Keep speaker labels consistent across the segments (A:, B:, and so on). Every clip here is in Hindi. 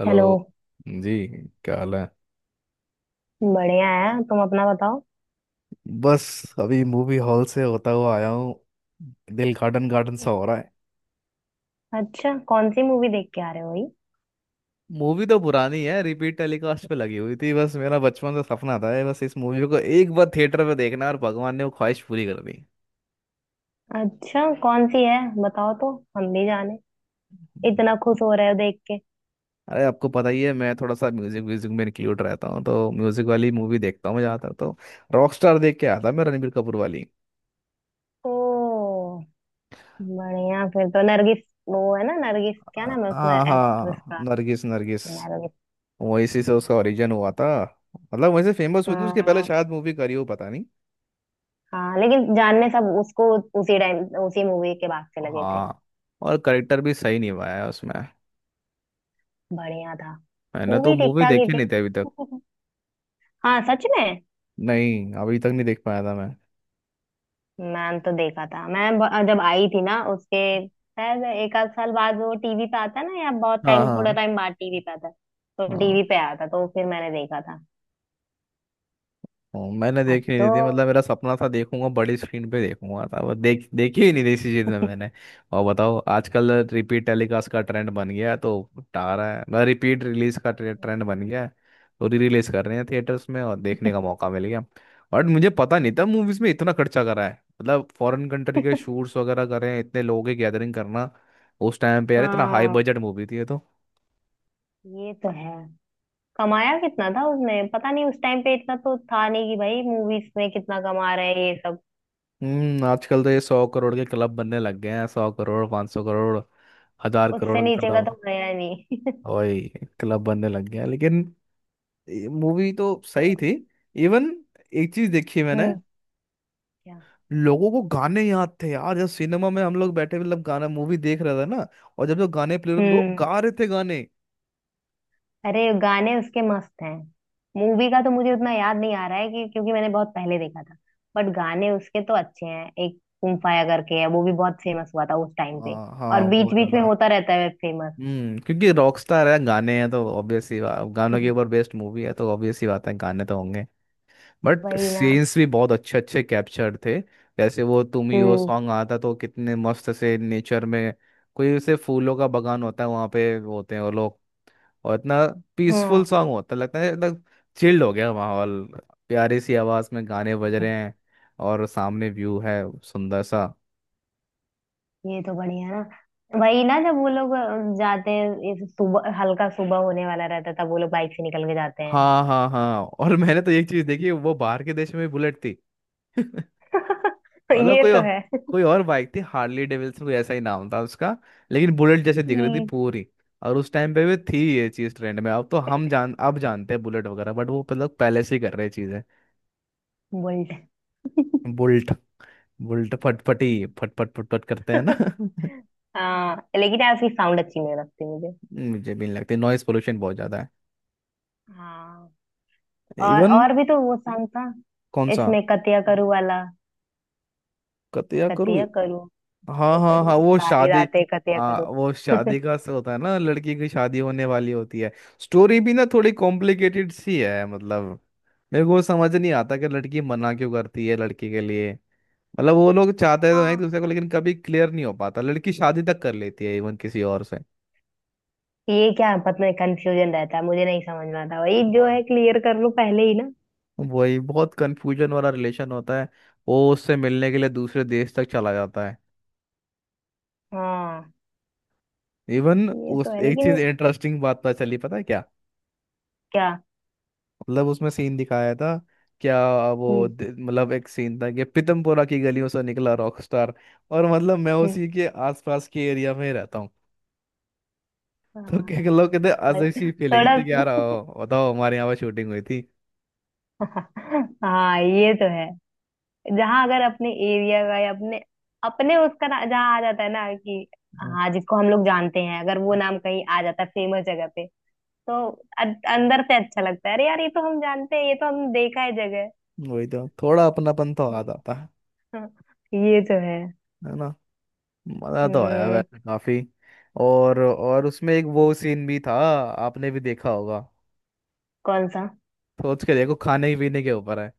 A: Hello
B: hello.
A: जी। क्या हाल है?
B: बढ़िया है, तुम अपना बताओ।
A: बस, अभी मूवी हॉल से होता हुआ आया हूँ। दिल गार्डन गार्डन सा हो रहा है।
B: अच्छा, कौन सी मूवी देख के आ रहे हो भाई?
A: मूवी तो पुरानी है, रिपीट टेलीकास्ट पे लगी हुई थी। बस मेरा बचपन से सपना था ये, बस इस मूवी को एक बार थिएटर में देखना, और भगवान ने वो ख्वाहिश पूरी कर दी।
B: अच्छा, कौन सी है बताओ तो, हम भी जाने। इतना खुश हो रहे हो देख के।
A: अरे आपको पता ही है, मैं थोड़ा सा म्यूजिक म्यूजिक में इंक्लूड रहता हूँ, तो म्यूजिक वाली मूवी देखता हूँ मैं ज़्यादातर तो। रॉकस्टार देख के आया था मैं, रणबीर कपूर वाली।
B: ओ, बढ़िया। फिर तो नरगिस, वो है ना नरगिस, क्या नाम है उसमें
A: हाँ
B: एक्ट्रेस
A: हाँ,
B: का।
A: नरगिस नरगिस।
B: नरगिस।
A: वो इसी से उसका ओरिजिन हुआ था, मतलब वहीं से फेमस हुई थी। उसके पहले
B: हाँ,
A: शायद मूवी करी हो, पता नहीं।
B: हाँ लेकिन जानने सब उसको उसी टाइम, उसी मूवी के बाद से लगे थे।
A: हाँ। और करेक्टर भी सही निभाया है उसमें।
B: बढ़िया था।
A: मैंने तो
B: मूवी ठीक
A: मूवी
B: ठाक ही
A: देखी नहीं थी अभी तक।
B: थी। हाँ, सच में।
A: नहीं, अभी तक नहीं देख पाया था मैं।
B: मैंने तो देखा था, मैं जब आई थी ना उसके शायद एक आध साल बाद वो टीवी पे आता है ना, या बहुत
A: हाँ
B: टाइम, थोड़ा
A: हाँ
B: टाइम बाद टीवी पे आता है। तो
A: हाँ।
B: टीवी पे आया था तो फिर मैंने देखा था।
A: मैंने
B: अब
A: देखी नहीं
B: तो
A: थी, मतलब मेरा सपना था देखूंगा, बड़ी स्क्रीन पे देखूंगा था वो, देखी ही नहीं थी इसी चीज में मैंने। और बताओ, आजकल रिपीट टेलीकास्ट का ट्रेंड बन गया है तो। आ रहा है, रिपीट रिलीज का ट्रेंड बन गया है। तो री रिलीज कर रहे हैं थिएटर्स में, और देखने का मौका मिल गया। और मुझे पता नहीं था मूवीज में इतना खर्चा करा है, मतलब फॉरेन कंट्री के शूट्स वगैरह कर रहे हैं, इतने लोगों की गैदरिंग करना। उस टाइम पे यार इतना हाई
B: हाँ,
A: बजट मूवी थी ये तो।
B: ये तो है। कमाया कितना था उसने पता नहीं। उस टाइम पे इतना तो था नहीं कि भाई मूवीज में कितना कमा रहे हैं ये सब।
A: हम्म, आजकल तो ये 100 करोड़ के क्लब बनने लग गए हैं, 100 करोड़, 500 करोड़, 1000 करोड़
B: उससे
A: के
B: नीचे का तो
A: क्लब।
B: गया ही नहीं।
A: वही, क्लब बनने लग गया, लेकिन मूवी तो सही
B: तो,
A: थी। इवन, एक चीज देखी मैंने,
B: हम्म। क्या?
A: लोगों को गाने याद थे यार। जब सिनेमा में हम लोग बैठे, मतलब गाना मूवी देख रहा था ना, और जब जो गाने प्ले हो रहे, लोग
B: हम्म।
A: गा रहे थे गाने।
B: अरे गाने उसके मस्त हैं। मूवी का तो मुझे उतना याद नहीं आ रहा है कि, क्योंकि मैंने बहुत पहले देखा था। बट गाने उसके तो अच्छे हैं। एक कुम फाया करके है वो भी बहुत फेमस हुआ था उस टाइम पे।
A: हाँ
B: और
A: हाँ,
B: बीच
A: बहुत
B: बीच में
A: ज्यादा।
B: होता रहता है फेमस।
A: हम्म, क्योंकि रॉकस्टार है, गाने हैं तो ऑब्वियस ही गानों के ऊपर बेस्ट मूवी है, तो ऑब्वियस ही बात है, गाने तो होंगे। बट
B: वही ना।
A: सीन्स भी बहुत अच्छे अच्छे कैप्चर थे, जैसे वो तुम ही हो
B: हम्म।
A: सॉन्ग आता तो कितने मस्त से नेचर में, कोई उसे फूलों का बगान होता है, वहाँ पे होते हैं वो लोग, और इतना पीसफुल
B: हाँ,
A: सॉन्ग होता है, लगता है एकदम चिल्ड हो गया माहौल। प्यारी सी आवाज़ में गाने बज रहे हैं, और सामने व्यू है सुंदर सा।
B: ये तो बढ़िया ना। वही ना, जब वो लोग जाते हैं इस सुबह, हल्का सुबह होने वाला रहता है, तब वो लोग बाइक से निकल के जाते हैं।
A: हाँ हाँ हाँ। और मैंने तो एक चीज़ देखी, वो बाहर के देश में भी बुलेट थी। मतलब
B: ये तो है।
A: कोई और बाइक थी, हार्ली डेविल्सन कोई ऐसा ही नाम था उसका, लेकिन बुलेट जैसे दिख रही थी
B: हम्म।
A: पूरी। और उस टाइम पे भी थी ये चीज ट्रेंड में। अब तो हम जान अब जानते हैं बुलेट वगैरह, बट वो मतलब पहले से ही कर रहे चीजें।
B: बुलेट।
A: बुल्ट, बुल्ट फटफटी, फटफट फटफट करते हैं ना।
B: हाँ लेकिन यार उसकी साउंड अच्छी नहीं लगती मुझे।
A: मुझे भी नहीं लगती, नॉइस पोल्यूशन बहुत ज्यादा
B: हाँ।
A: है इवन।
B: और भी तो वो सॉन्ग था,
A: कौन सा?
B: इसमें कतिया करूँ वाला।
A: कतिया करूँ।
B: कतिया करूँ।
A: हाँ
B: क्यों
A: हाँ
B: करूँ
A: हाँ, वो
B: सारी
A: शादी।
B: रातें कतिया करूँ।
A: वो शादी का होता है ना, लड़की की शादी होने वाली होती है। स्टोरी भी ना थोड़ी कॉम्प्लिकेटेड सी है। मतलब मेरे को समझ नहीं आता कि लड़की मना क्यों करती है, लड़की के लिए। मतलब वो लोग चाहते तो हैं एक
B: हाँ।
A: दूसरे को, लेकिन कभी क्लियर नहीं हो पाता, लड़की शादी तक कर लेती है इवन किसी और से।
B: ये क्या पता नहीं, कंफ्यूजन रहता है, मुझे नहीं समझ में आता। वही जो
A: और-
B: है, क्लियर कर लो पहले ही ना।
A: वही, बहुत कंफ्यूजन वाला रिलेशन होता है। वो उससे मिलने के लिए दूसरे देश तक चला जाता है
B: हाँ
A: इवन।
B: ये तो
A: उस
B: है
A: एक
B: लेकिन।
A: चीज इंटरेस्टिंग बात पता चली, पता है क्या?
B: क्या?
A: मतलब उसमें सीन दिखाया था। क्या? वो
B: हम्म।
A: मतलब एक सीन था कि पीतमपुरा की गलियों से निकला रॉकस्टार, और मतलब मैं
B: हम्म,
A: उसी के आसपास के एरिया में ही रहता हूँ। तो क्या क्या
B: हाँ।
A: लोग कहते,
B: और
A: अजीब सी फीलिंग
B: थोड़ा
A: थी कि यार आओ, बताओ हमारे यहाँ पर शूटिंग हुई थी।
B: हाँ ये तो है। जहाँ अगर अपने एरिया का, या अपने अपने उसका ना, जहाँ आ जाता है ना कि,
A: हाँ,
B: हाँ जिसको हम लोग जानते हैं, अगर वो नाम कहीं आ जाता है फेमस जगह पे, तो अ- अंदर से अच्छा लगता है, अरे यार ये तो हम जानते हैं, ये तो हम देखा है जगह।
A: वही तो, थोड़ा अपनापन तो आ
B: वही।
A: जाता है।
B: हाँ, ये तो है।
A: है ना। मजा तो आया
B: हम्म।
A: वैसे काफी। और उसमें एक वो सीन भी था, आपने भी देखा होगा।
B: कौन सा?
A: सोच के देखो, खाने पीने के ऊपर है।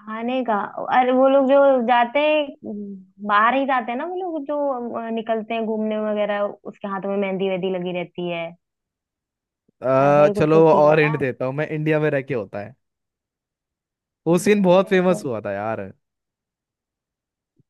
B: खाने का? अरे वो लोग जो जाते हैं, बाहर ही जाते हैं ना वो लोग, जो निकलते हैं घूमने वगैरह, उसके हाथों में मेहंदी वेहंदी लगी रहती है। ऐसा ही कुछ
A: चलो
B: तो सीन
A: और
B: था।
A: एंड देता हूँ, मैं इंडिया में रह के होता है। वो सीन
B: इंडिया
A: बहुत फेमस
B: में।
A: हुआ था यार।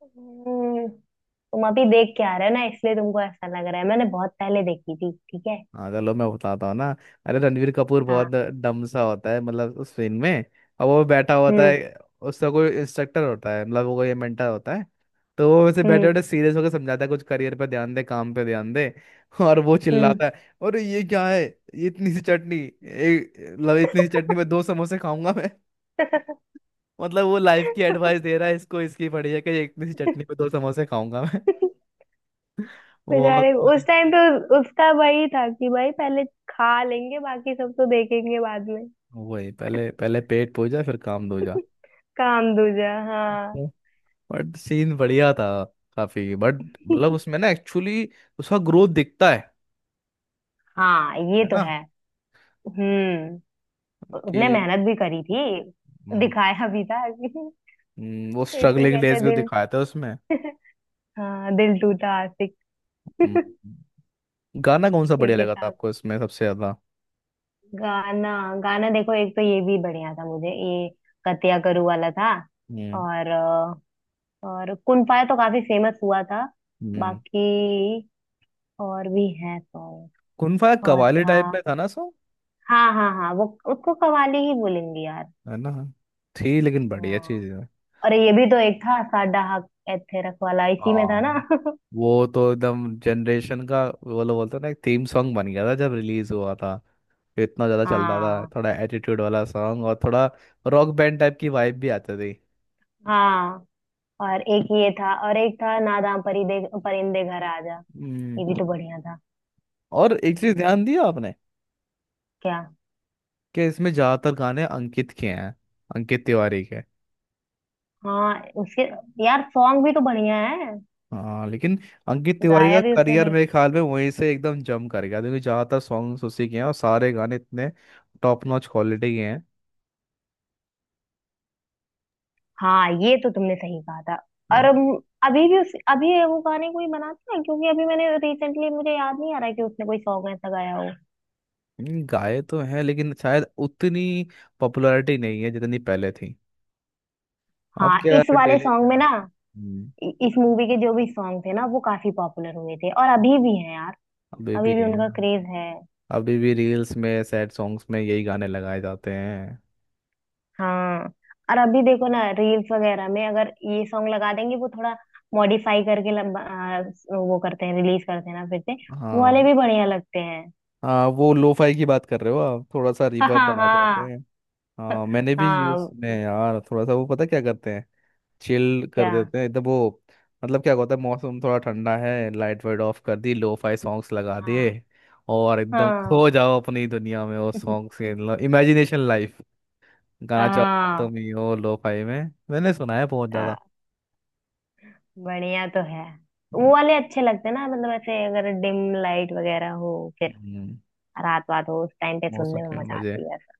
B: तुम अभी देख के आ रहे हो ना इसलिए तुमको ऐसा लग रहा है, मैंने बहुत पहले देखी थी। ठीक है
A: हाँ चलो मैं बताता हूँ ना। अरे रणवीर कपूर बहुत
B: हाँ।
A: डम सा होता है, मतलब उस फिल्म में। अब वो बैठा होता
B: हम्म।
A: है, उसका कोई इंस्ट्रक्टर होता है, मतलब वो कोई मेंटर होता है। तो वो वैसे बैठे
B: हम्म।
A: बैठे सीरियस होकर समझाता है कुछ, करियर पे ध्यान दे, काम पे ध्यान दे, और वो
B: हम्म।
A: चिल्लाता है, अरे ये क्या है, ये इतनी सी चटनी, एक मतलब इतनी सी चटनी में दो समोसे खाऊंगा मैं। मतलब वो लाइफ की एडवाइस दे रहा है, इसको इसकी पड़ी है कि ये इतनी सी चटनी में दो समोसे खाऊंगा मैं। बहुत।
B: बेचारे उस टाइम पे उसका वही था कि भाई पहले खा लेंगे, बाकी सब तो देखेंगे बाद में।
A: वही, पहले पहले पेट पूजा फिर काम दूजा।
B: काम दूजा हाँ।
A: बट सीन बढ़िया था काफी। बट मतलब उसमें ना एक्चुअली उसका ग्रोथ दिखता है
B: हाँ, ये
A: है
B: तो
A: ना,
B: है। हम्म। उसने
A: कि।
B: मेहनत भी करी थी।
A: हम्म,
B: दिखाया भी था कि
A: वो
B: इसको
A: स्ट्रगलिंग
B: कहते
A: डेज
B: हैं
A: भी
B: दिल।
A: दिखाया था उसमें।
B: हाँ, दिल टूटा आशिक।
A: हम्म, गाना कौन सा बढ़िया
B: एक
A: लगा था
B: हिसाब।
A: आपको इसमें सबसे ज्यादा?
B: गाना? गाना देखो, एक तो ये भी बढ़िया था मुझे, ये कतिया करू वाला था।
A: हम्म
B: और और कुन फाया तो काफी फेमस हुआ था।
A: हम्म।
B: बाकी और भी है सॉन्ग।
A: कुनफा
B: और
A: कवाली
B: था।
A: टाइप में था ना सो।
B: हाँ हाँ हाँ, वो, उसको कवाली ही बोलेंगे यार।
A: है ना, थी लेकिन बढ़िया
B: हाँ।
A: चीज है।
B: और ये भी तो एक था, साडा हक एथेरक वाला इसी में था ना।
A: हाँ, वो तो एकदम जनरेशन का, वो लोग बोलते हैं ना, एक थीम सॉन्ग बन गया था जब रिलीज हुआ था। इतना ज्यादा चल रहा था,
B: हाँ
A: थोड़ा एटीट्यूड वाला सॉन्ग और थोड़ा रॉक बैंड टाइप की वाइब भी आती थी।
B: हाँ। और एक ये था, और एक था, नादाम परिदे परिंदे घर आजा।
A: हम्म।
B: ये भी तो बढ़िया था।
A: और एक चीज ध्यान दिया आपने,
B: क्या?
A: कि इसमें ज्यादातर गाने अंकित के हैं, अंकित तिवारी के।
B: हाँ उसके। यार सॉन्ग भी तो बढ़िया है।
A: हाँ लेकिन, अंकित तिवारी का
B: गाया भी उसने
A: करियर
B: भाई।
A: मेरे ख्याल में वहीं से एकदम जम कर गया, क्योंकि ज्यादातर सॉन्ग्स उसी के हैं और सारे गाने इतने टॉप नॉच क्वालिटी के हैं।
B: हाँ ये तो तुमने सही कहा था।
A: है
B: और
A: ना।
B: अभी भी उस, अभी वो गाने कोई बनाता है, क्योंकि अभी मैंने रिसेंटली मुझे याद नहीं आ रहा कि उसने कोई सॉन्ग ऐसा गाया हो।
A: गाए तो हैं लेकिन शायद उतनी पॉपुलैरिटी नहीं है जितनी पहले थी। अब
B: हाँ
A: क्या
B: इस वाले
A: डेली।
B: सॉन्ग में ना, इस मूवी के जो भी सॉन्ग थे ना, वो काफी पॉपुलर हुए थे और अभी भी हैं यार।
A: अभी
B: अभी
A: भी
B: भी
A: है,
B: उनका क्रेज है।
A: अभी भी रील्स में सैड सॉन्ग्स में यही गाने लगाए जाते हैं।
B: हाँ, और अभी देखो ना रील्स वगैरह में अगर ये सॉन्ग लगा देंगे वो थोड़ा मॉडिफाई करके, लंबा वो करते हैं, रिलीज करते हैं ना फिर से। वो वाले
A: हाँ।
B: भी बढ़िया लगते हैं।
A: हाँ, वो लोफाई की बात कर रहे हो आप, थोड़ा सा
B: हाँ
A: रिवर्ब
B: हाँ
A: बढ़ा देते
B: हाँ।
A: हैं। हाँ मैंने भी यूज
B: हाँ।
A: सुने हैं यार, थोड़ा सा वो पता क्या करते हैं, चिल कर
B: क्या?
A: देते हैं एकदम वो। मतलब क्या होता है, मौसम थोड़ा ठंडा है, लाइट वाइट ऑफ कर दी, लोफाई सॉन्ग्स लगा
B: हाँ।
A: दिए, और एकदम
B: हाँ।
A: खो जाओ अपनी दुनिया में वो सॉन्ग्स के। इमेजिनेशन लाइफ, गाना चल रहा है
B: हाँ।
A: तुम ही हो लोफाई में, मैंने सुना है बहुत ज्यादा।
B: हाँ, बढ़िया तो है।
A: हम्म,
B: वो वाले अच्छे लगते हैं ना, मतलब ऐसे अगर डिम लाइट वगैरह हो, फिर
A: हम्म,
B: रात बात हो, उस टाइम पे
A: मौसम
B: सुनने में
A: के
B: मजा
A: मजे।
B: आती है ऐसा।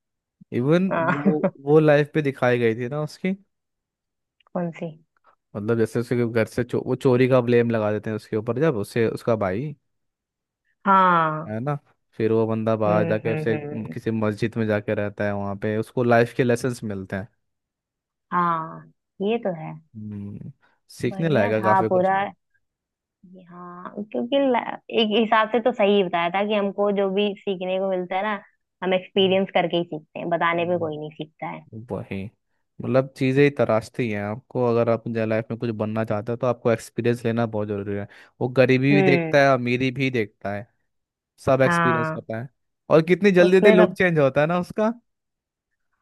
A: इवन
B: हाँ।
A: वो वो लाइफ पे दिखाई गई थी ना उसकी,
B: कौन सी?
A: मतलब जैसे उसके घर से वो चोरी का ब्लेम लगा देते हैं उसके ऊपर, जब उससे उसका भाई,
B: हाँ।
A: है ना, फिर वो बंदा बाहर
B: हम्म।
A: जाके
B: हम्म।
A: उसे
B: हम्म।
A: किसी मस्जिद में जाके रहता है, वहाँ पे उसको लाइफ के लेसन्स मिलते हैं।
B: हाँ, ये तो है।
A: हम्म, सीखने
B: बढ़िया
A: लायक है
B: था
A: काफी कुछ।
B: पूरा। हाँ, क्योंकि एक हिसाब से तो सही बताया था कि हमको जो भी सीखने को मिलता है ना, हम एक्सपीरियंस करके ही सीखते हैं, बताने पे
A: हम्म,
B: कोई नहीं सीखता है।
A: वही, मतलब चीज़ें ही तराशती हैं आपको, अगर आप लाइफ में कुछ बनना चाहते हो तो आपको एक्सपीरियंस लेना बहुत ज़रूरी है। वो गरीबी भी देखता
B: हम्म।
A: है, अमीरी भी देखता है, सब एक्सपीरियंस
B: हाँ
A: होता है। और कितनी जल्दी जल्दी
B: उसमें
A: लुक
B: सब।
A: चेंज होता है ना उसका।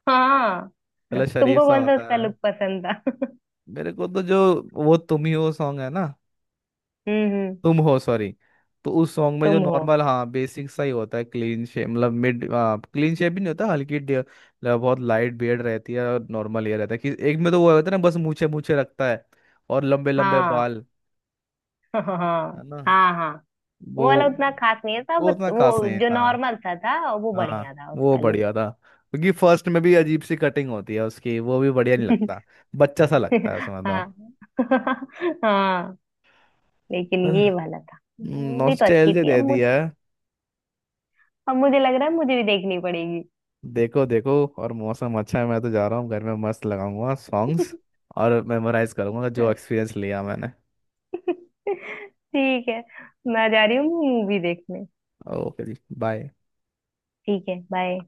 B: हाँ।
A: चलो, शरीफ
B: तुमको
A: सा
B: कौन सा
A: होता
B: उसका
A: है।
B: लुक पसंद था?
A: मेरे को तो जो वो तुम ही हो सॉन्ग है ना,
B: हम्म।
A: तुम हो सॉरी। तो उस सॉन्ग में जो
B: तुम हो।
A: नॉर्मल, हाँ, बेसिक सा ही होता है, क्लीन शेप, मतलब मिड क्लीन शेप भी नहीं होता, हल्की मतलब बहुत लाइट बियर्ड रहती है, और नॉर्मल ये रहता है कि एक में तो वो होता है ना, बस मूछे मूछे रखता है और लंबे लंबे
B: हाँ।
A: बाल। है
B: हाँ
A: ना।
B: हाँ हाँ। वो
A: वो
B: वाला उतना खास नहीं था,
A: वो
B: बस
A: उतना खास
B: वो
A: नहीं
B: जो
A: था।
B: नॉर्मल सा था वो
A: हाँ
B: बढ़िया था
A: वो
B: उसका लुक।
A: बढ़िया था, क्योंकि फर्स्ट में भी अजीब सी कटिंग होती है उसकी, वो भी बढ़िया नहीं लगता, बच्चा सा लगता है उसमें तो।
B: हाँ। हाँ लेकिन ये वाला था, मूवी तो अच्छी
A: नॉस्टैल्जिया
B: थी। अब
A: दे
B: मुझ,
A: दिया है।
B: अब मुझे लग रहा है मुझे भी देखनी पड़ेगी।
A: देखो देखो, और मौसम अच्छा है, मैं तो जा रहा हूँ घर में, मस्त लगाऊंगा सॉन्ग्स और मेमोराइज करूंगा जो एक्सपीरियंस लिया मैंने।
B: ठीक है, मैं जा रही हूँ मूवी देखने।
A: ओके जी, बाय।
B: ठीक है, बाय।